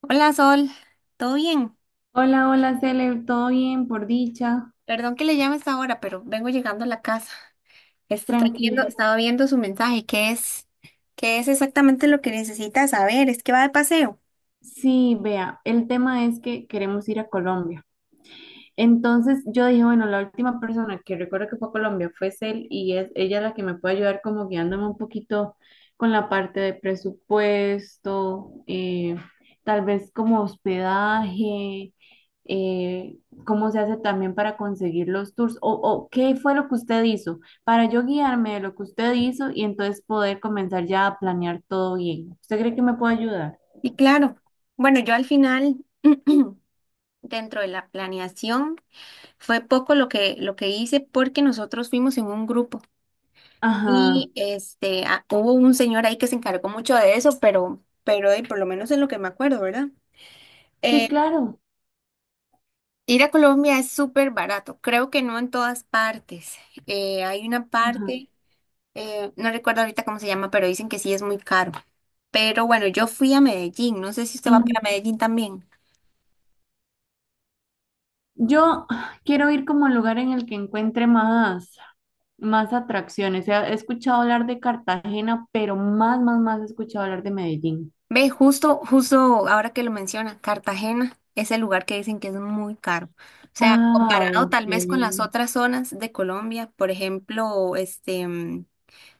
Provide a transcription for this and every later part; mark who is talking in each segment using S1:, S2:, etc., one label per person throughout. S1: Hola Sol, ¿todo bien?
S2: Hola, hola, Cele, ¿todo bien? Por dicha,
S1: Perdón que le llame a esta hora, pero vengo llegando a la casa.
S2: tranquila.
S1: Estaba viendo su mensaje, ¿qué es? ¿Qué es exactamente lo que necesita saber? Es que va de paseo.
S2: Sí, vea, el tema es que queremos ir a Colombia. Entonces yo dije, bueno, la última persona que recuerdo que fue a Colombia fue Cel y es ella la que me puede ayudar como guiándome un poquito con la parte de presupuesto, tal vez como hospedaje, eh, cómo se hace también para conseguir los tours o qué fue lo que usted hizo para yo guiarme de lo que usted hizo y entonces poder comenzar ya a planear todo bien. ¿Usted cree que me puede ayudar?
S1: Y claro, bueno, yo al final, dentro de la planeación, fue poco lo que hice porque nosotros fuimos en un grupo.
S2: Ajá,
S1: Y hubo un señor ahí que se encargó mucho de eso, pero, pero por lo menos es lo que me acuerdo, ¿verdad?
S2: sí,
S1: Eh,
S2: claro.
S1: Ir a Colombia es súper barato, creo que no en todas partes. Hay una parte, no recuerdo ahorita cómo se llama, pero dicen que sí es muy caro. Pero bueno, yo fui a Medellín, no sé si usted va para
S2: Ajá.
S1: Medellín también.
S2: Yo quiero ir como al lugar en el que encuentre más, más atracciones. He escuchado hablar de Cartagena, pero más, más, más he escuchado hablar de Medellín.
S1: Ve, justo, justo ahora que lo menciona, Cartagena es el lugar que dicen que es muy caro. O sea,
S2: Ah,
S1: comparado
S2: ok.
S1: tal vez con las otras zonas de Colombia, por ejemplo,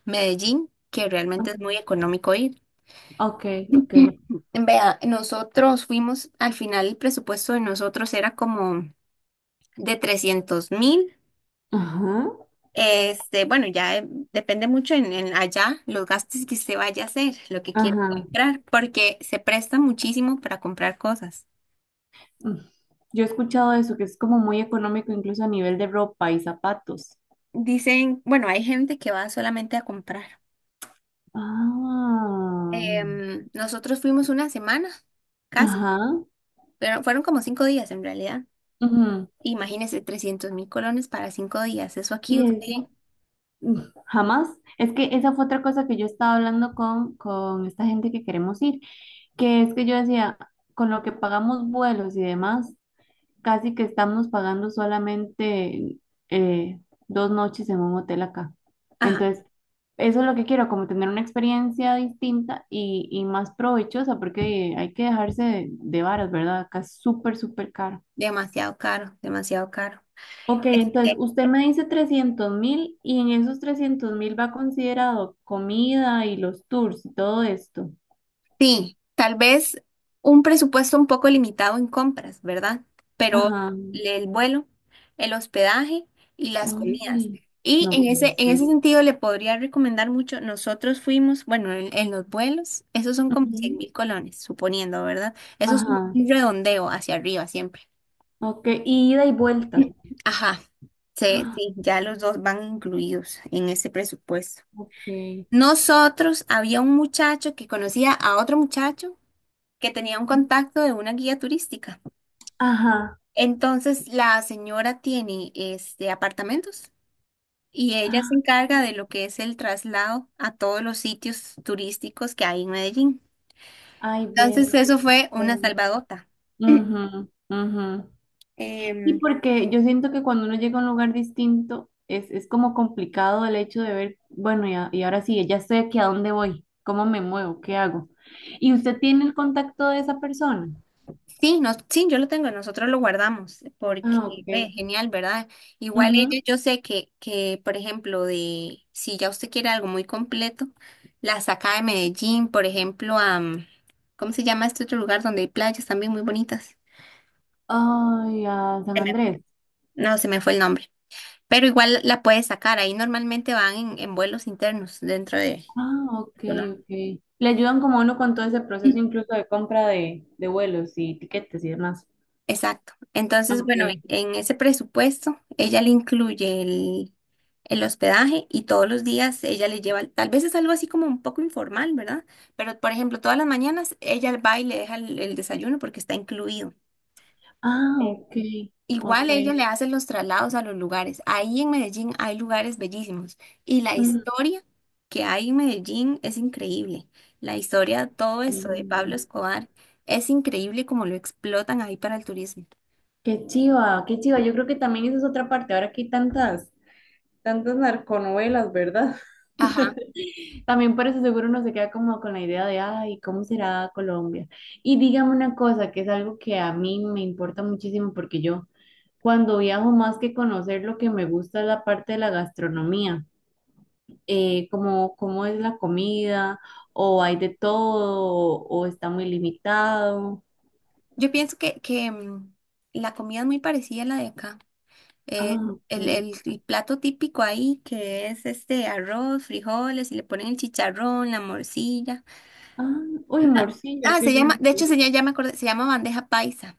S1: Medellín, que
S2: Ah,
S1: realmente es muy económico ir.
S2: ok, ok.
S1: Vea, nosotros fuimos, al final el presupuesto de nosotros era como de 300.000.
S2: Ajá,
S1: Este, bueno, ya eh, depende mucho en allá los gastos que usted vaya a hacer, lo que quiere
S2: ajá.
S1: comprar, porque se presta muchísimo para comprar cosas.
S2: Mm. Yo he escuchado eso, que es como muy económico incluso a nivel de ropa y zapatos.
S1: Dicen, bueno, hay gente que va solamente a comprar.
S2: Ah,
S1: Nosotros fuimos una semana, casi,
S2: ajá.
S1: pero fueron como 5 días en realidad.
S2: Ujú.
S1: Imagínese 300.000 colones para 5 días. Eso aquí
S2: Y
S1: usted...
S2: eso, mm, jamás. Es que esa fue otra cosa que yo estaba hablando con esta gente que queremos ir. Que es que yo decía, con lo que pagamos vuelos y demás, casi que estamos pagando solamente eh, 2 noches en un hotel acá.
S1: Ajá.
S2: Entonces, eso es lo que quiero, como tener una experiencia distinta y más provechosa, porque hay que dejarse de varas, ¿verdad? Acá es súper, súper caro.
S1: Demasiado caro, demasiado caro.
S2: Ok, entonces
S1: Este,
S2: usted me dice 300.000 y en esos 300.000 va considerado comida y los tours y todo esto.
S1: sí, tal vez un presupuesto un poco limitado en compras, ¿verdad? Pero
S2: Ajá.
S1: el vuelo, el hospedaje y las comidas.
S2: Ay,
S1: Y
S2: no puede
S1: en ese
S2: ser.
S1: sentido le podría recomendar mucho, nosotros fuimos, bueno, en los vuelos, esos son como cien
S2: Ujú.
S1: mil colones, suponiendo, ¿verdad? Eso es un
S2: Ajá,
S1: redondeo hacia arriba siempre.
S2: ok, y ida y vuelta.
S1: Ajá, sí,
S2: Ah,
S1: sí, ya los dos van incluidos en ese presupuesto.
S2: ok,
S1: Nosotros había un muchacho que conocía a otro muchacho que tenía un contacto de una guía turística.
S2: ajá,
S1: Entonces la señora tiene este apartamentos y ella
S2: ah,
S1: se encarga de lo que es el traslado a todos los sitios turísticos que hay en Medellín.
S2: ay, ves,
S1: Entonces eso
S2: justo.
S1: fue una salvadota.
S2: Ujú, ujú. Y
S1: Em,
S2: porque yo siento que cuando uno llega a un lugar distinto, es como complicado el hecho de ver, bueno, y ahora sí, ya estoy aquí, ¿a dónde voy? ¿Cómo me muevo? ¿Qué hago? ¿Y usted tiene el contacto de esa persona?
S1: Sí, no, sí, yo lo tengo, nosotros lo guardamos, porque
S2: Ah, ok.
S1: ve, genial, ¿verdad? Igual
S2: Ujú.
S1: ellos, yo sé que, por ejemplo, de si ya usted quiere algo muy completo, la saca de Medellín, por ejemplo, ¿cómo se llama este otro lugar donde hay playas también muy bonitas?
S2: Ay, a San
S1: Se me-
S2: Andrés.
S1: No, se me fue el nombre, pero igual la puede sacar, ahí normalmente van en vuelos internos dentro de...
S2: Ah, ok,
S1: Colombia.
S2: ok. Le ayudan como a uno con todo ese proceso incluso de compra de vuelos y tiquetes y demás.
S1: Exacto. Entonces, bueno,
S2: Ok.
S1: en ese presupuesto, ella le incluye el hospedaje y todos los días ella le lleva, tal vez es algo así como un poco informal, ¿verdad? Pero, por ejemplo, todas las mañanas ella va y le deja el desayuno porque está incluido.
S2: Ah,
S1: Eh,
S2: ok, ok.
S1: Igual ella le hace los traslados a los lugares. Ahí en Medellín hay lugares bellísimos y la
S2: Mm,
S1: historia que hay en Medellín es increíble. La historia, todo eso de Pablo
S2: mm.
S1: Escobar, es increíble como lo explotan ahí para el turismo.
S2: Qué chiva, qué chiva. Yo creo que también esa es otra parte. Ahora que hay tantas, tantas narconovelas, ¿verdad?
S1: Ajá.
S2: También por eso seguro uno se queda como con la idea de, ay, ¿cómo será Colombia? Y dígame una cosa, que es algo que a mí me importa muchísimo porque yo cuando viajo más que conocer lo que me gusta es la parte de la gastronomía. Como cómo es la comida, o hay de todo, o está muy limitado.
S1: Yo pienso que la comida es muy parecida a la de acá. Eh,
S2: Ah,
S1: el,
S2: ok.
S1: el- el plato típico ahí, que es este arroz, frijoles, y le ponen el chicharrón, la morcilla.
S2: Ah, uy, morcilla,
S1: Ah,
S2: qué
S1: se llama, de hecho,
S2: rico.
S1: se llama, ya me acordé, se llama bandeja paisa.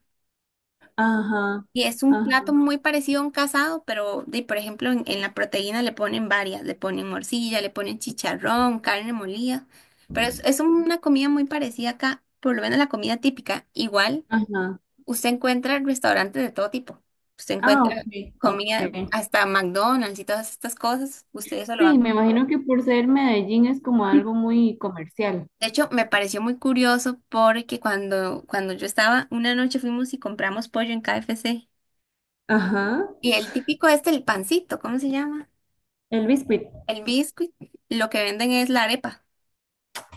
S2: Ajá,
S1: Y es un
S2: ajá,
S1: plato muy parecido a un casado, pero de, por ejemplo, en la proteína le ponen varias, le ponen morcilla, le ponen chicharrón, carne molida. Pero es una comida muy parecida acá, por lo menos la comida típica. Igual.
S2: ajá.
S1: Usted encuentra restaurantes de todo tipo. Usted
S2: Ah,
S1: encuentra
S2: ok,
S1: comida,
S2: ok.
S1: hasta McDonald's y todas estas cosas. Ustedes eso lo
S2: Sí,
S1: van.
S2: me imagino que por ser Medellín es como
S1: De
S2: algo muy comercial.
S1: hecho, me pareció muy curioso porque cuando, cuando yo estaba, una noche fuimos y compramos pollo en KFC.
S2: Ajá,
S1: Y el típico este, el pancito, ¿cómo se llama?
S2: el biscuit.
S1: El biscuit. Lo que venden es la arepa.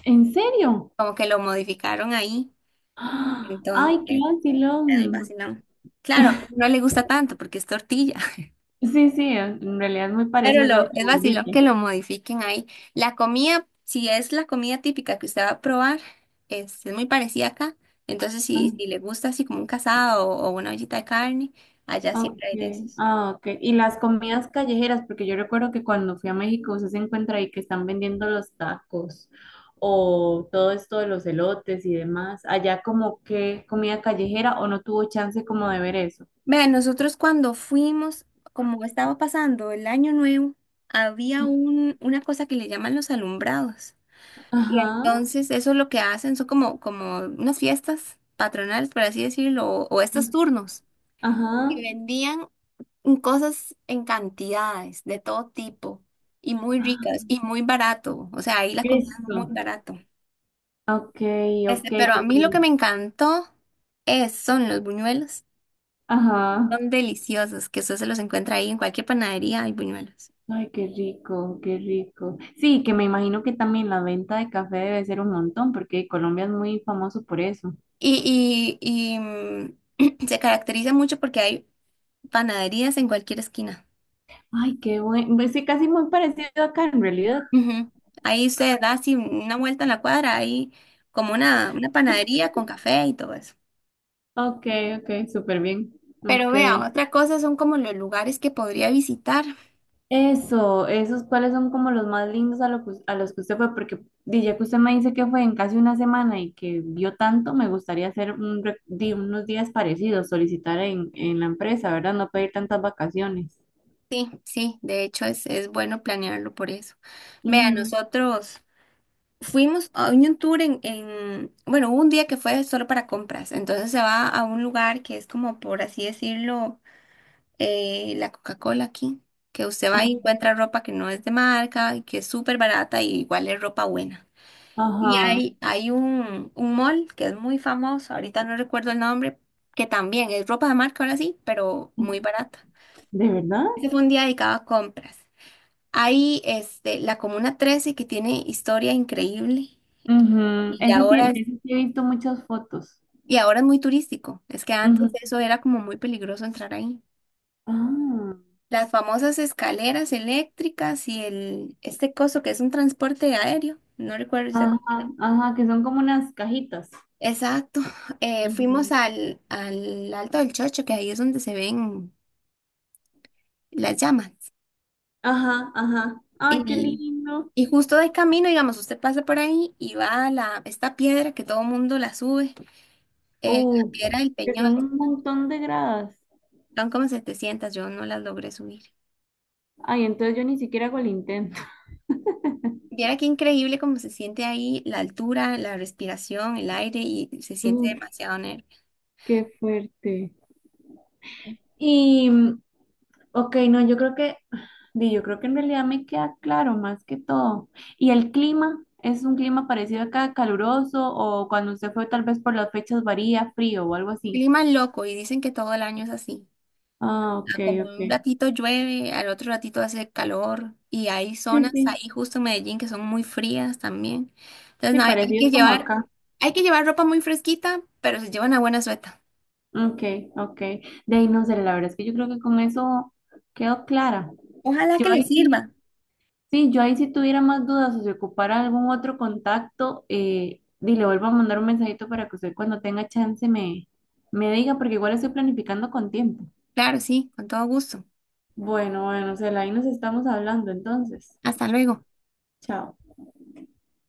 S2: ¿En serio?
S1: Como que lo modificaron ahí.
S2: ¡Ah! Ay, qué
S1: Entonces, algo
S2: vacilón.
S1: así, ¿no? Claro, no le gusta tanto porque es tortilla.
S2: Sí, sí, en realidad es muy
S1: Pero
S2: parecido, solo
S1: lo,
S2: que
S1: es vacilón
S2: gordito.
S1: que lo modifiquen ahí. La comida, si es la comida típica que usted va a probar, es muy parecida acá. Entonces,
S2: Ah.
S1: si, si le gusta así como un casado o una ollita de carne, allá siempre hay de
S2: Okay,
S1: esos.
S2: ah, okay. Y las comidas callejeras, porque yo recuerdo que cuando fui a México usted se encuentra ahí que están vendiendo los tacos o todo esto de los elotes y demás. Allá como que comida callejera o no tuvo chance como de ver eso.
S1: Vean, nosotros cuando fuimos, como estaba pasando el año nuevo, había un, una cosa que le llaman los alumbrados. Y
S2: Ajá,
S1: entonces eso lo que hacen son como, como unas fiestas patronales, por así decirlo, o estos turnos.
S2: ajá.
S1: Y vendían en cosas en cantidades, de todo tipo, y muy
S2: Ah,
S1: ricas, y muy barato. O sea, ahí las compraban muy
S2: eso.
S1: barato.
S2: Okay, okay,
S1: Pero a mí
S2: porque
S1: lo que me encantó es, son los buñuelos.
S2: ajá.
S1: Son deliciosos, que usted se los encuentra ahí en cualquier panadería, hay buñuelos.
S2: Ay, qué rico, qué rico. Sí, que me imagino que también la venta de café debe ser un montón, porque Colombia es muy famoso por eso.
S1: Y, y, y, mm, se caracteriza mucho porque hay panaderías en cualquier esquina.
S2: Ay, qué bueno. Pues sí, casi muy parecido acá en realidad.
S1: Ujú. Ahí usted da así una vuelta en la cuadra, hay como una panadería con café y todo eso.
S2: Ok, ok, súper bien.
S1: Pero
S2: Ok.
S1: vea, otra cosa son como los lugares que podría visitar.
S2: Eso, esos cuáles son como los más lindos a, lo que a los que usted fue, porque di, ya que usted me dice que fue en casi una semana y que vio tanto, me gustaría hacer di, unos días parecidos, solicitar en la empresa, ¿verdad? No pedir tantas vacaciones.
S1: Sí, sí, de hecho es bueno planearlo por eso. Vea,
S2: Ujú,
S1: nosotros fuimos a un tour en, bueno, hubo un día que fue solo para compras, entonces se va a un lugar que es como, por así decirlo, la Coca-Cola aquí, que usted va y encuentra ropa que no es de marca y que es súper barata y igual es ropa buena. Y
S2: ajá.
S1: hay un mall que es muy famoso, ahorita no recuerdo el nombre, que también es ropa de marca ahora sí, pero muy barata.
S2: ¿De verdad?
S1: Ese fue un día dedicado a compras. Hay este, la Comuna 13 que tiene historia increíble
S2: Ujú,
S1: y ya
S2: ese sí, de
S1: ahora es,
S2: ese sí he visto muchas fotos.
S1: y ahora es muy turístico. Es que antes
S2: Ujú.
S1: eso era como muy peligroso entrar ahí.
S2: Ah.
S1: Las famosas escaleras eléctricas y el, este coso que es un transporte aéreo, no recuerdo
S2: Ajá, ajá, que son como unas cajitas.
S1: Exacto.
S2: Ujú.
S1: Fuimos al, al Alto del Chocho, que ahí es donde se ven las llamas.
S2: Ajá, ajá. Ay, qué
S1: Y,
S2: lindo.
S1: y justo de camino, digamos, usted pasa por ahí y va a la, esta piedra que todo mundo la sube, la
S2: Uh,
S1: piedra del
S2: que
S1: Peñol.
S2: son un montón de gradas.
S1: Son como 700, yo no las logré subir.
S2: Ay, entonces yo ni siquiera hago el intento.
S1: Viera qué increíble cómo se siente ahí la altura, la respiración, el aire y se siente
S2: Uh,
S1: demasiado nervio.
S2: qué fuerte. Y, mm, ok, no, di, yo creo que en realidad me queda claro más que todo. ¿Y el clima? ¿Es un clima parecido acá, caluroso? ¿O cuando usted fue tal vez por las fechas varía, frío o algo así?
S1: Clima loco y dicen que todo el año es así.
S2: Ah,
S1: Ah,
S2: ok,
S1: como un
S2: ok.
S1: ratito llueve, al otro ratito hace calor y hay
S2: Sí,
S1: zonas
S2: sí,
S1: ahí justo en Medellín que son muy frías también. Entonces,
S2: sí,
S1: no, hay
S2: parecido como acá.
S1: hay que llevar ropa muy fresquita, pero se lleva una buena sueta.
S2: Ok, ok. De ahí no sé, la verdad es que yo creo que con eso quedó clara.
S1: Ojalá
S2: Yo
S1: que les
S2: ahí sí,
S1: sirva.
S2: sí, yo ahí si tuviera más dudas o si ocupara algún otro contacto, di, le vuelvo a mandar un mensajito para que usted cuando tenga chance me diga, porque igual estoy planificando con tiempo.
S1: Claro, sí, con todo gusto.
S2: Bueno, bueno, Cela, ahí nos estamos hablando entonces.
S1: Hasta luego.
S2: Chao.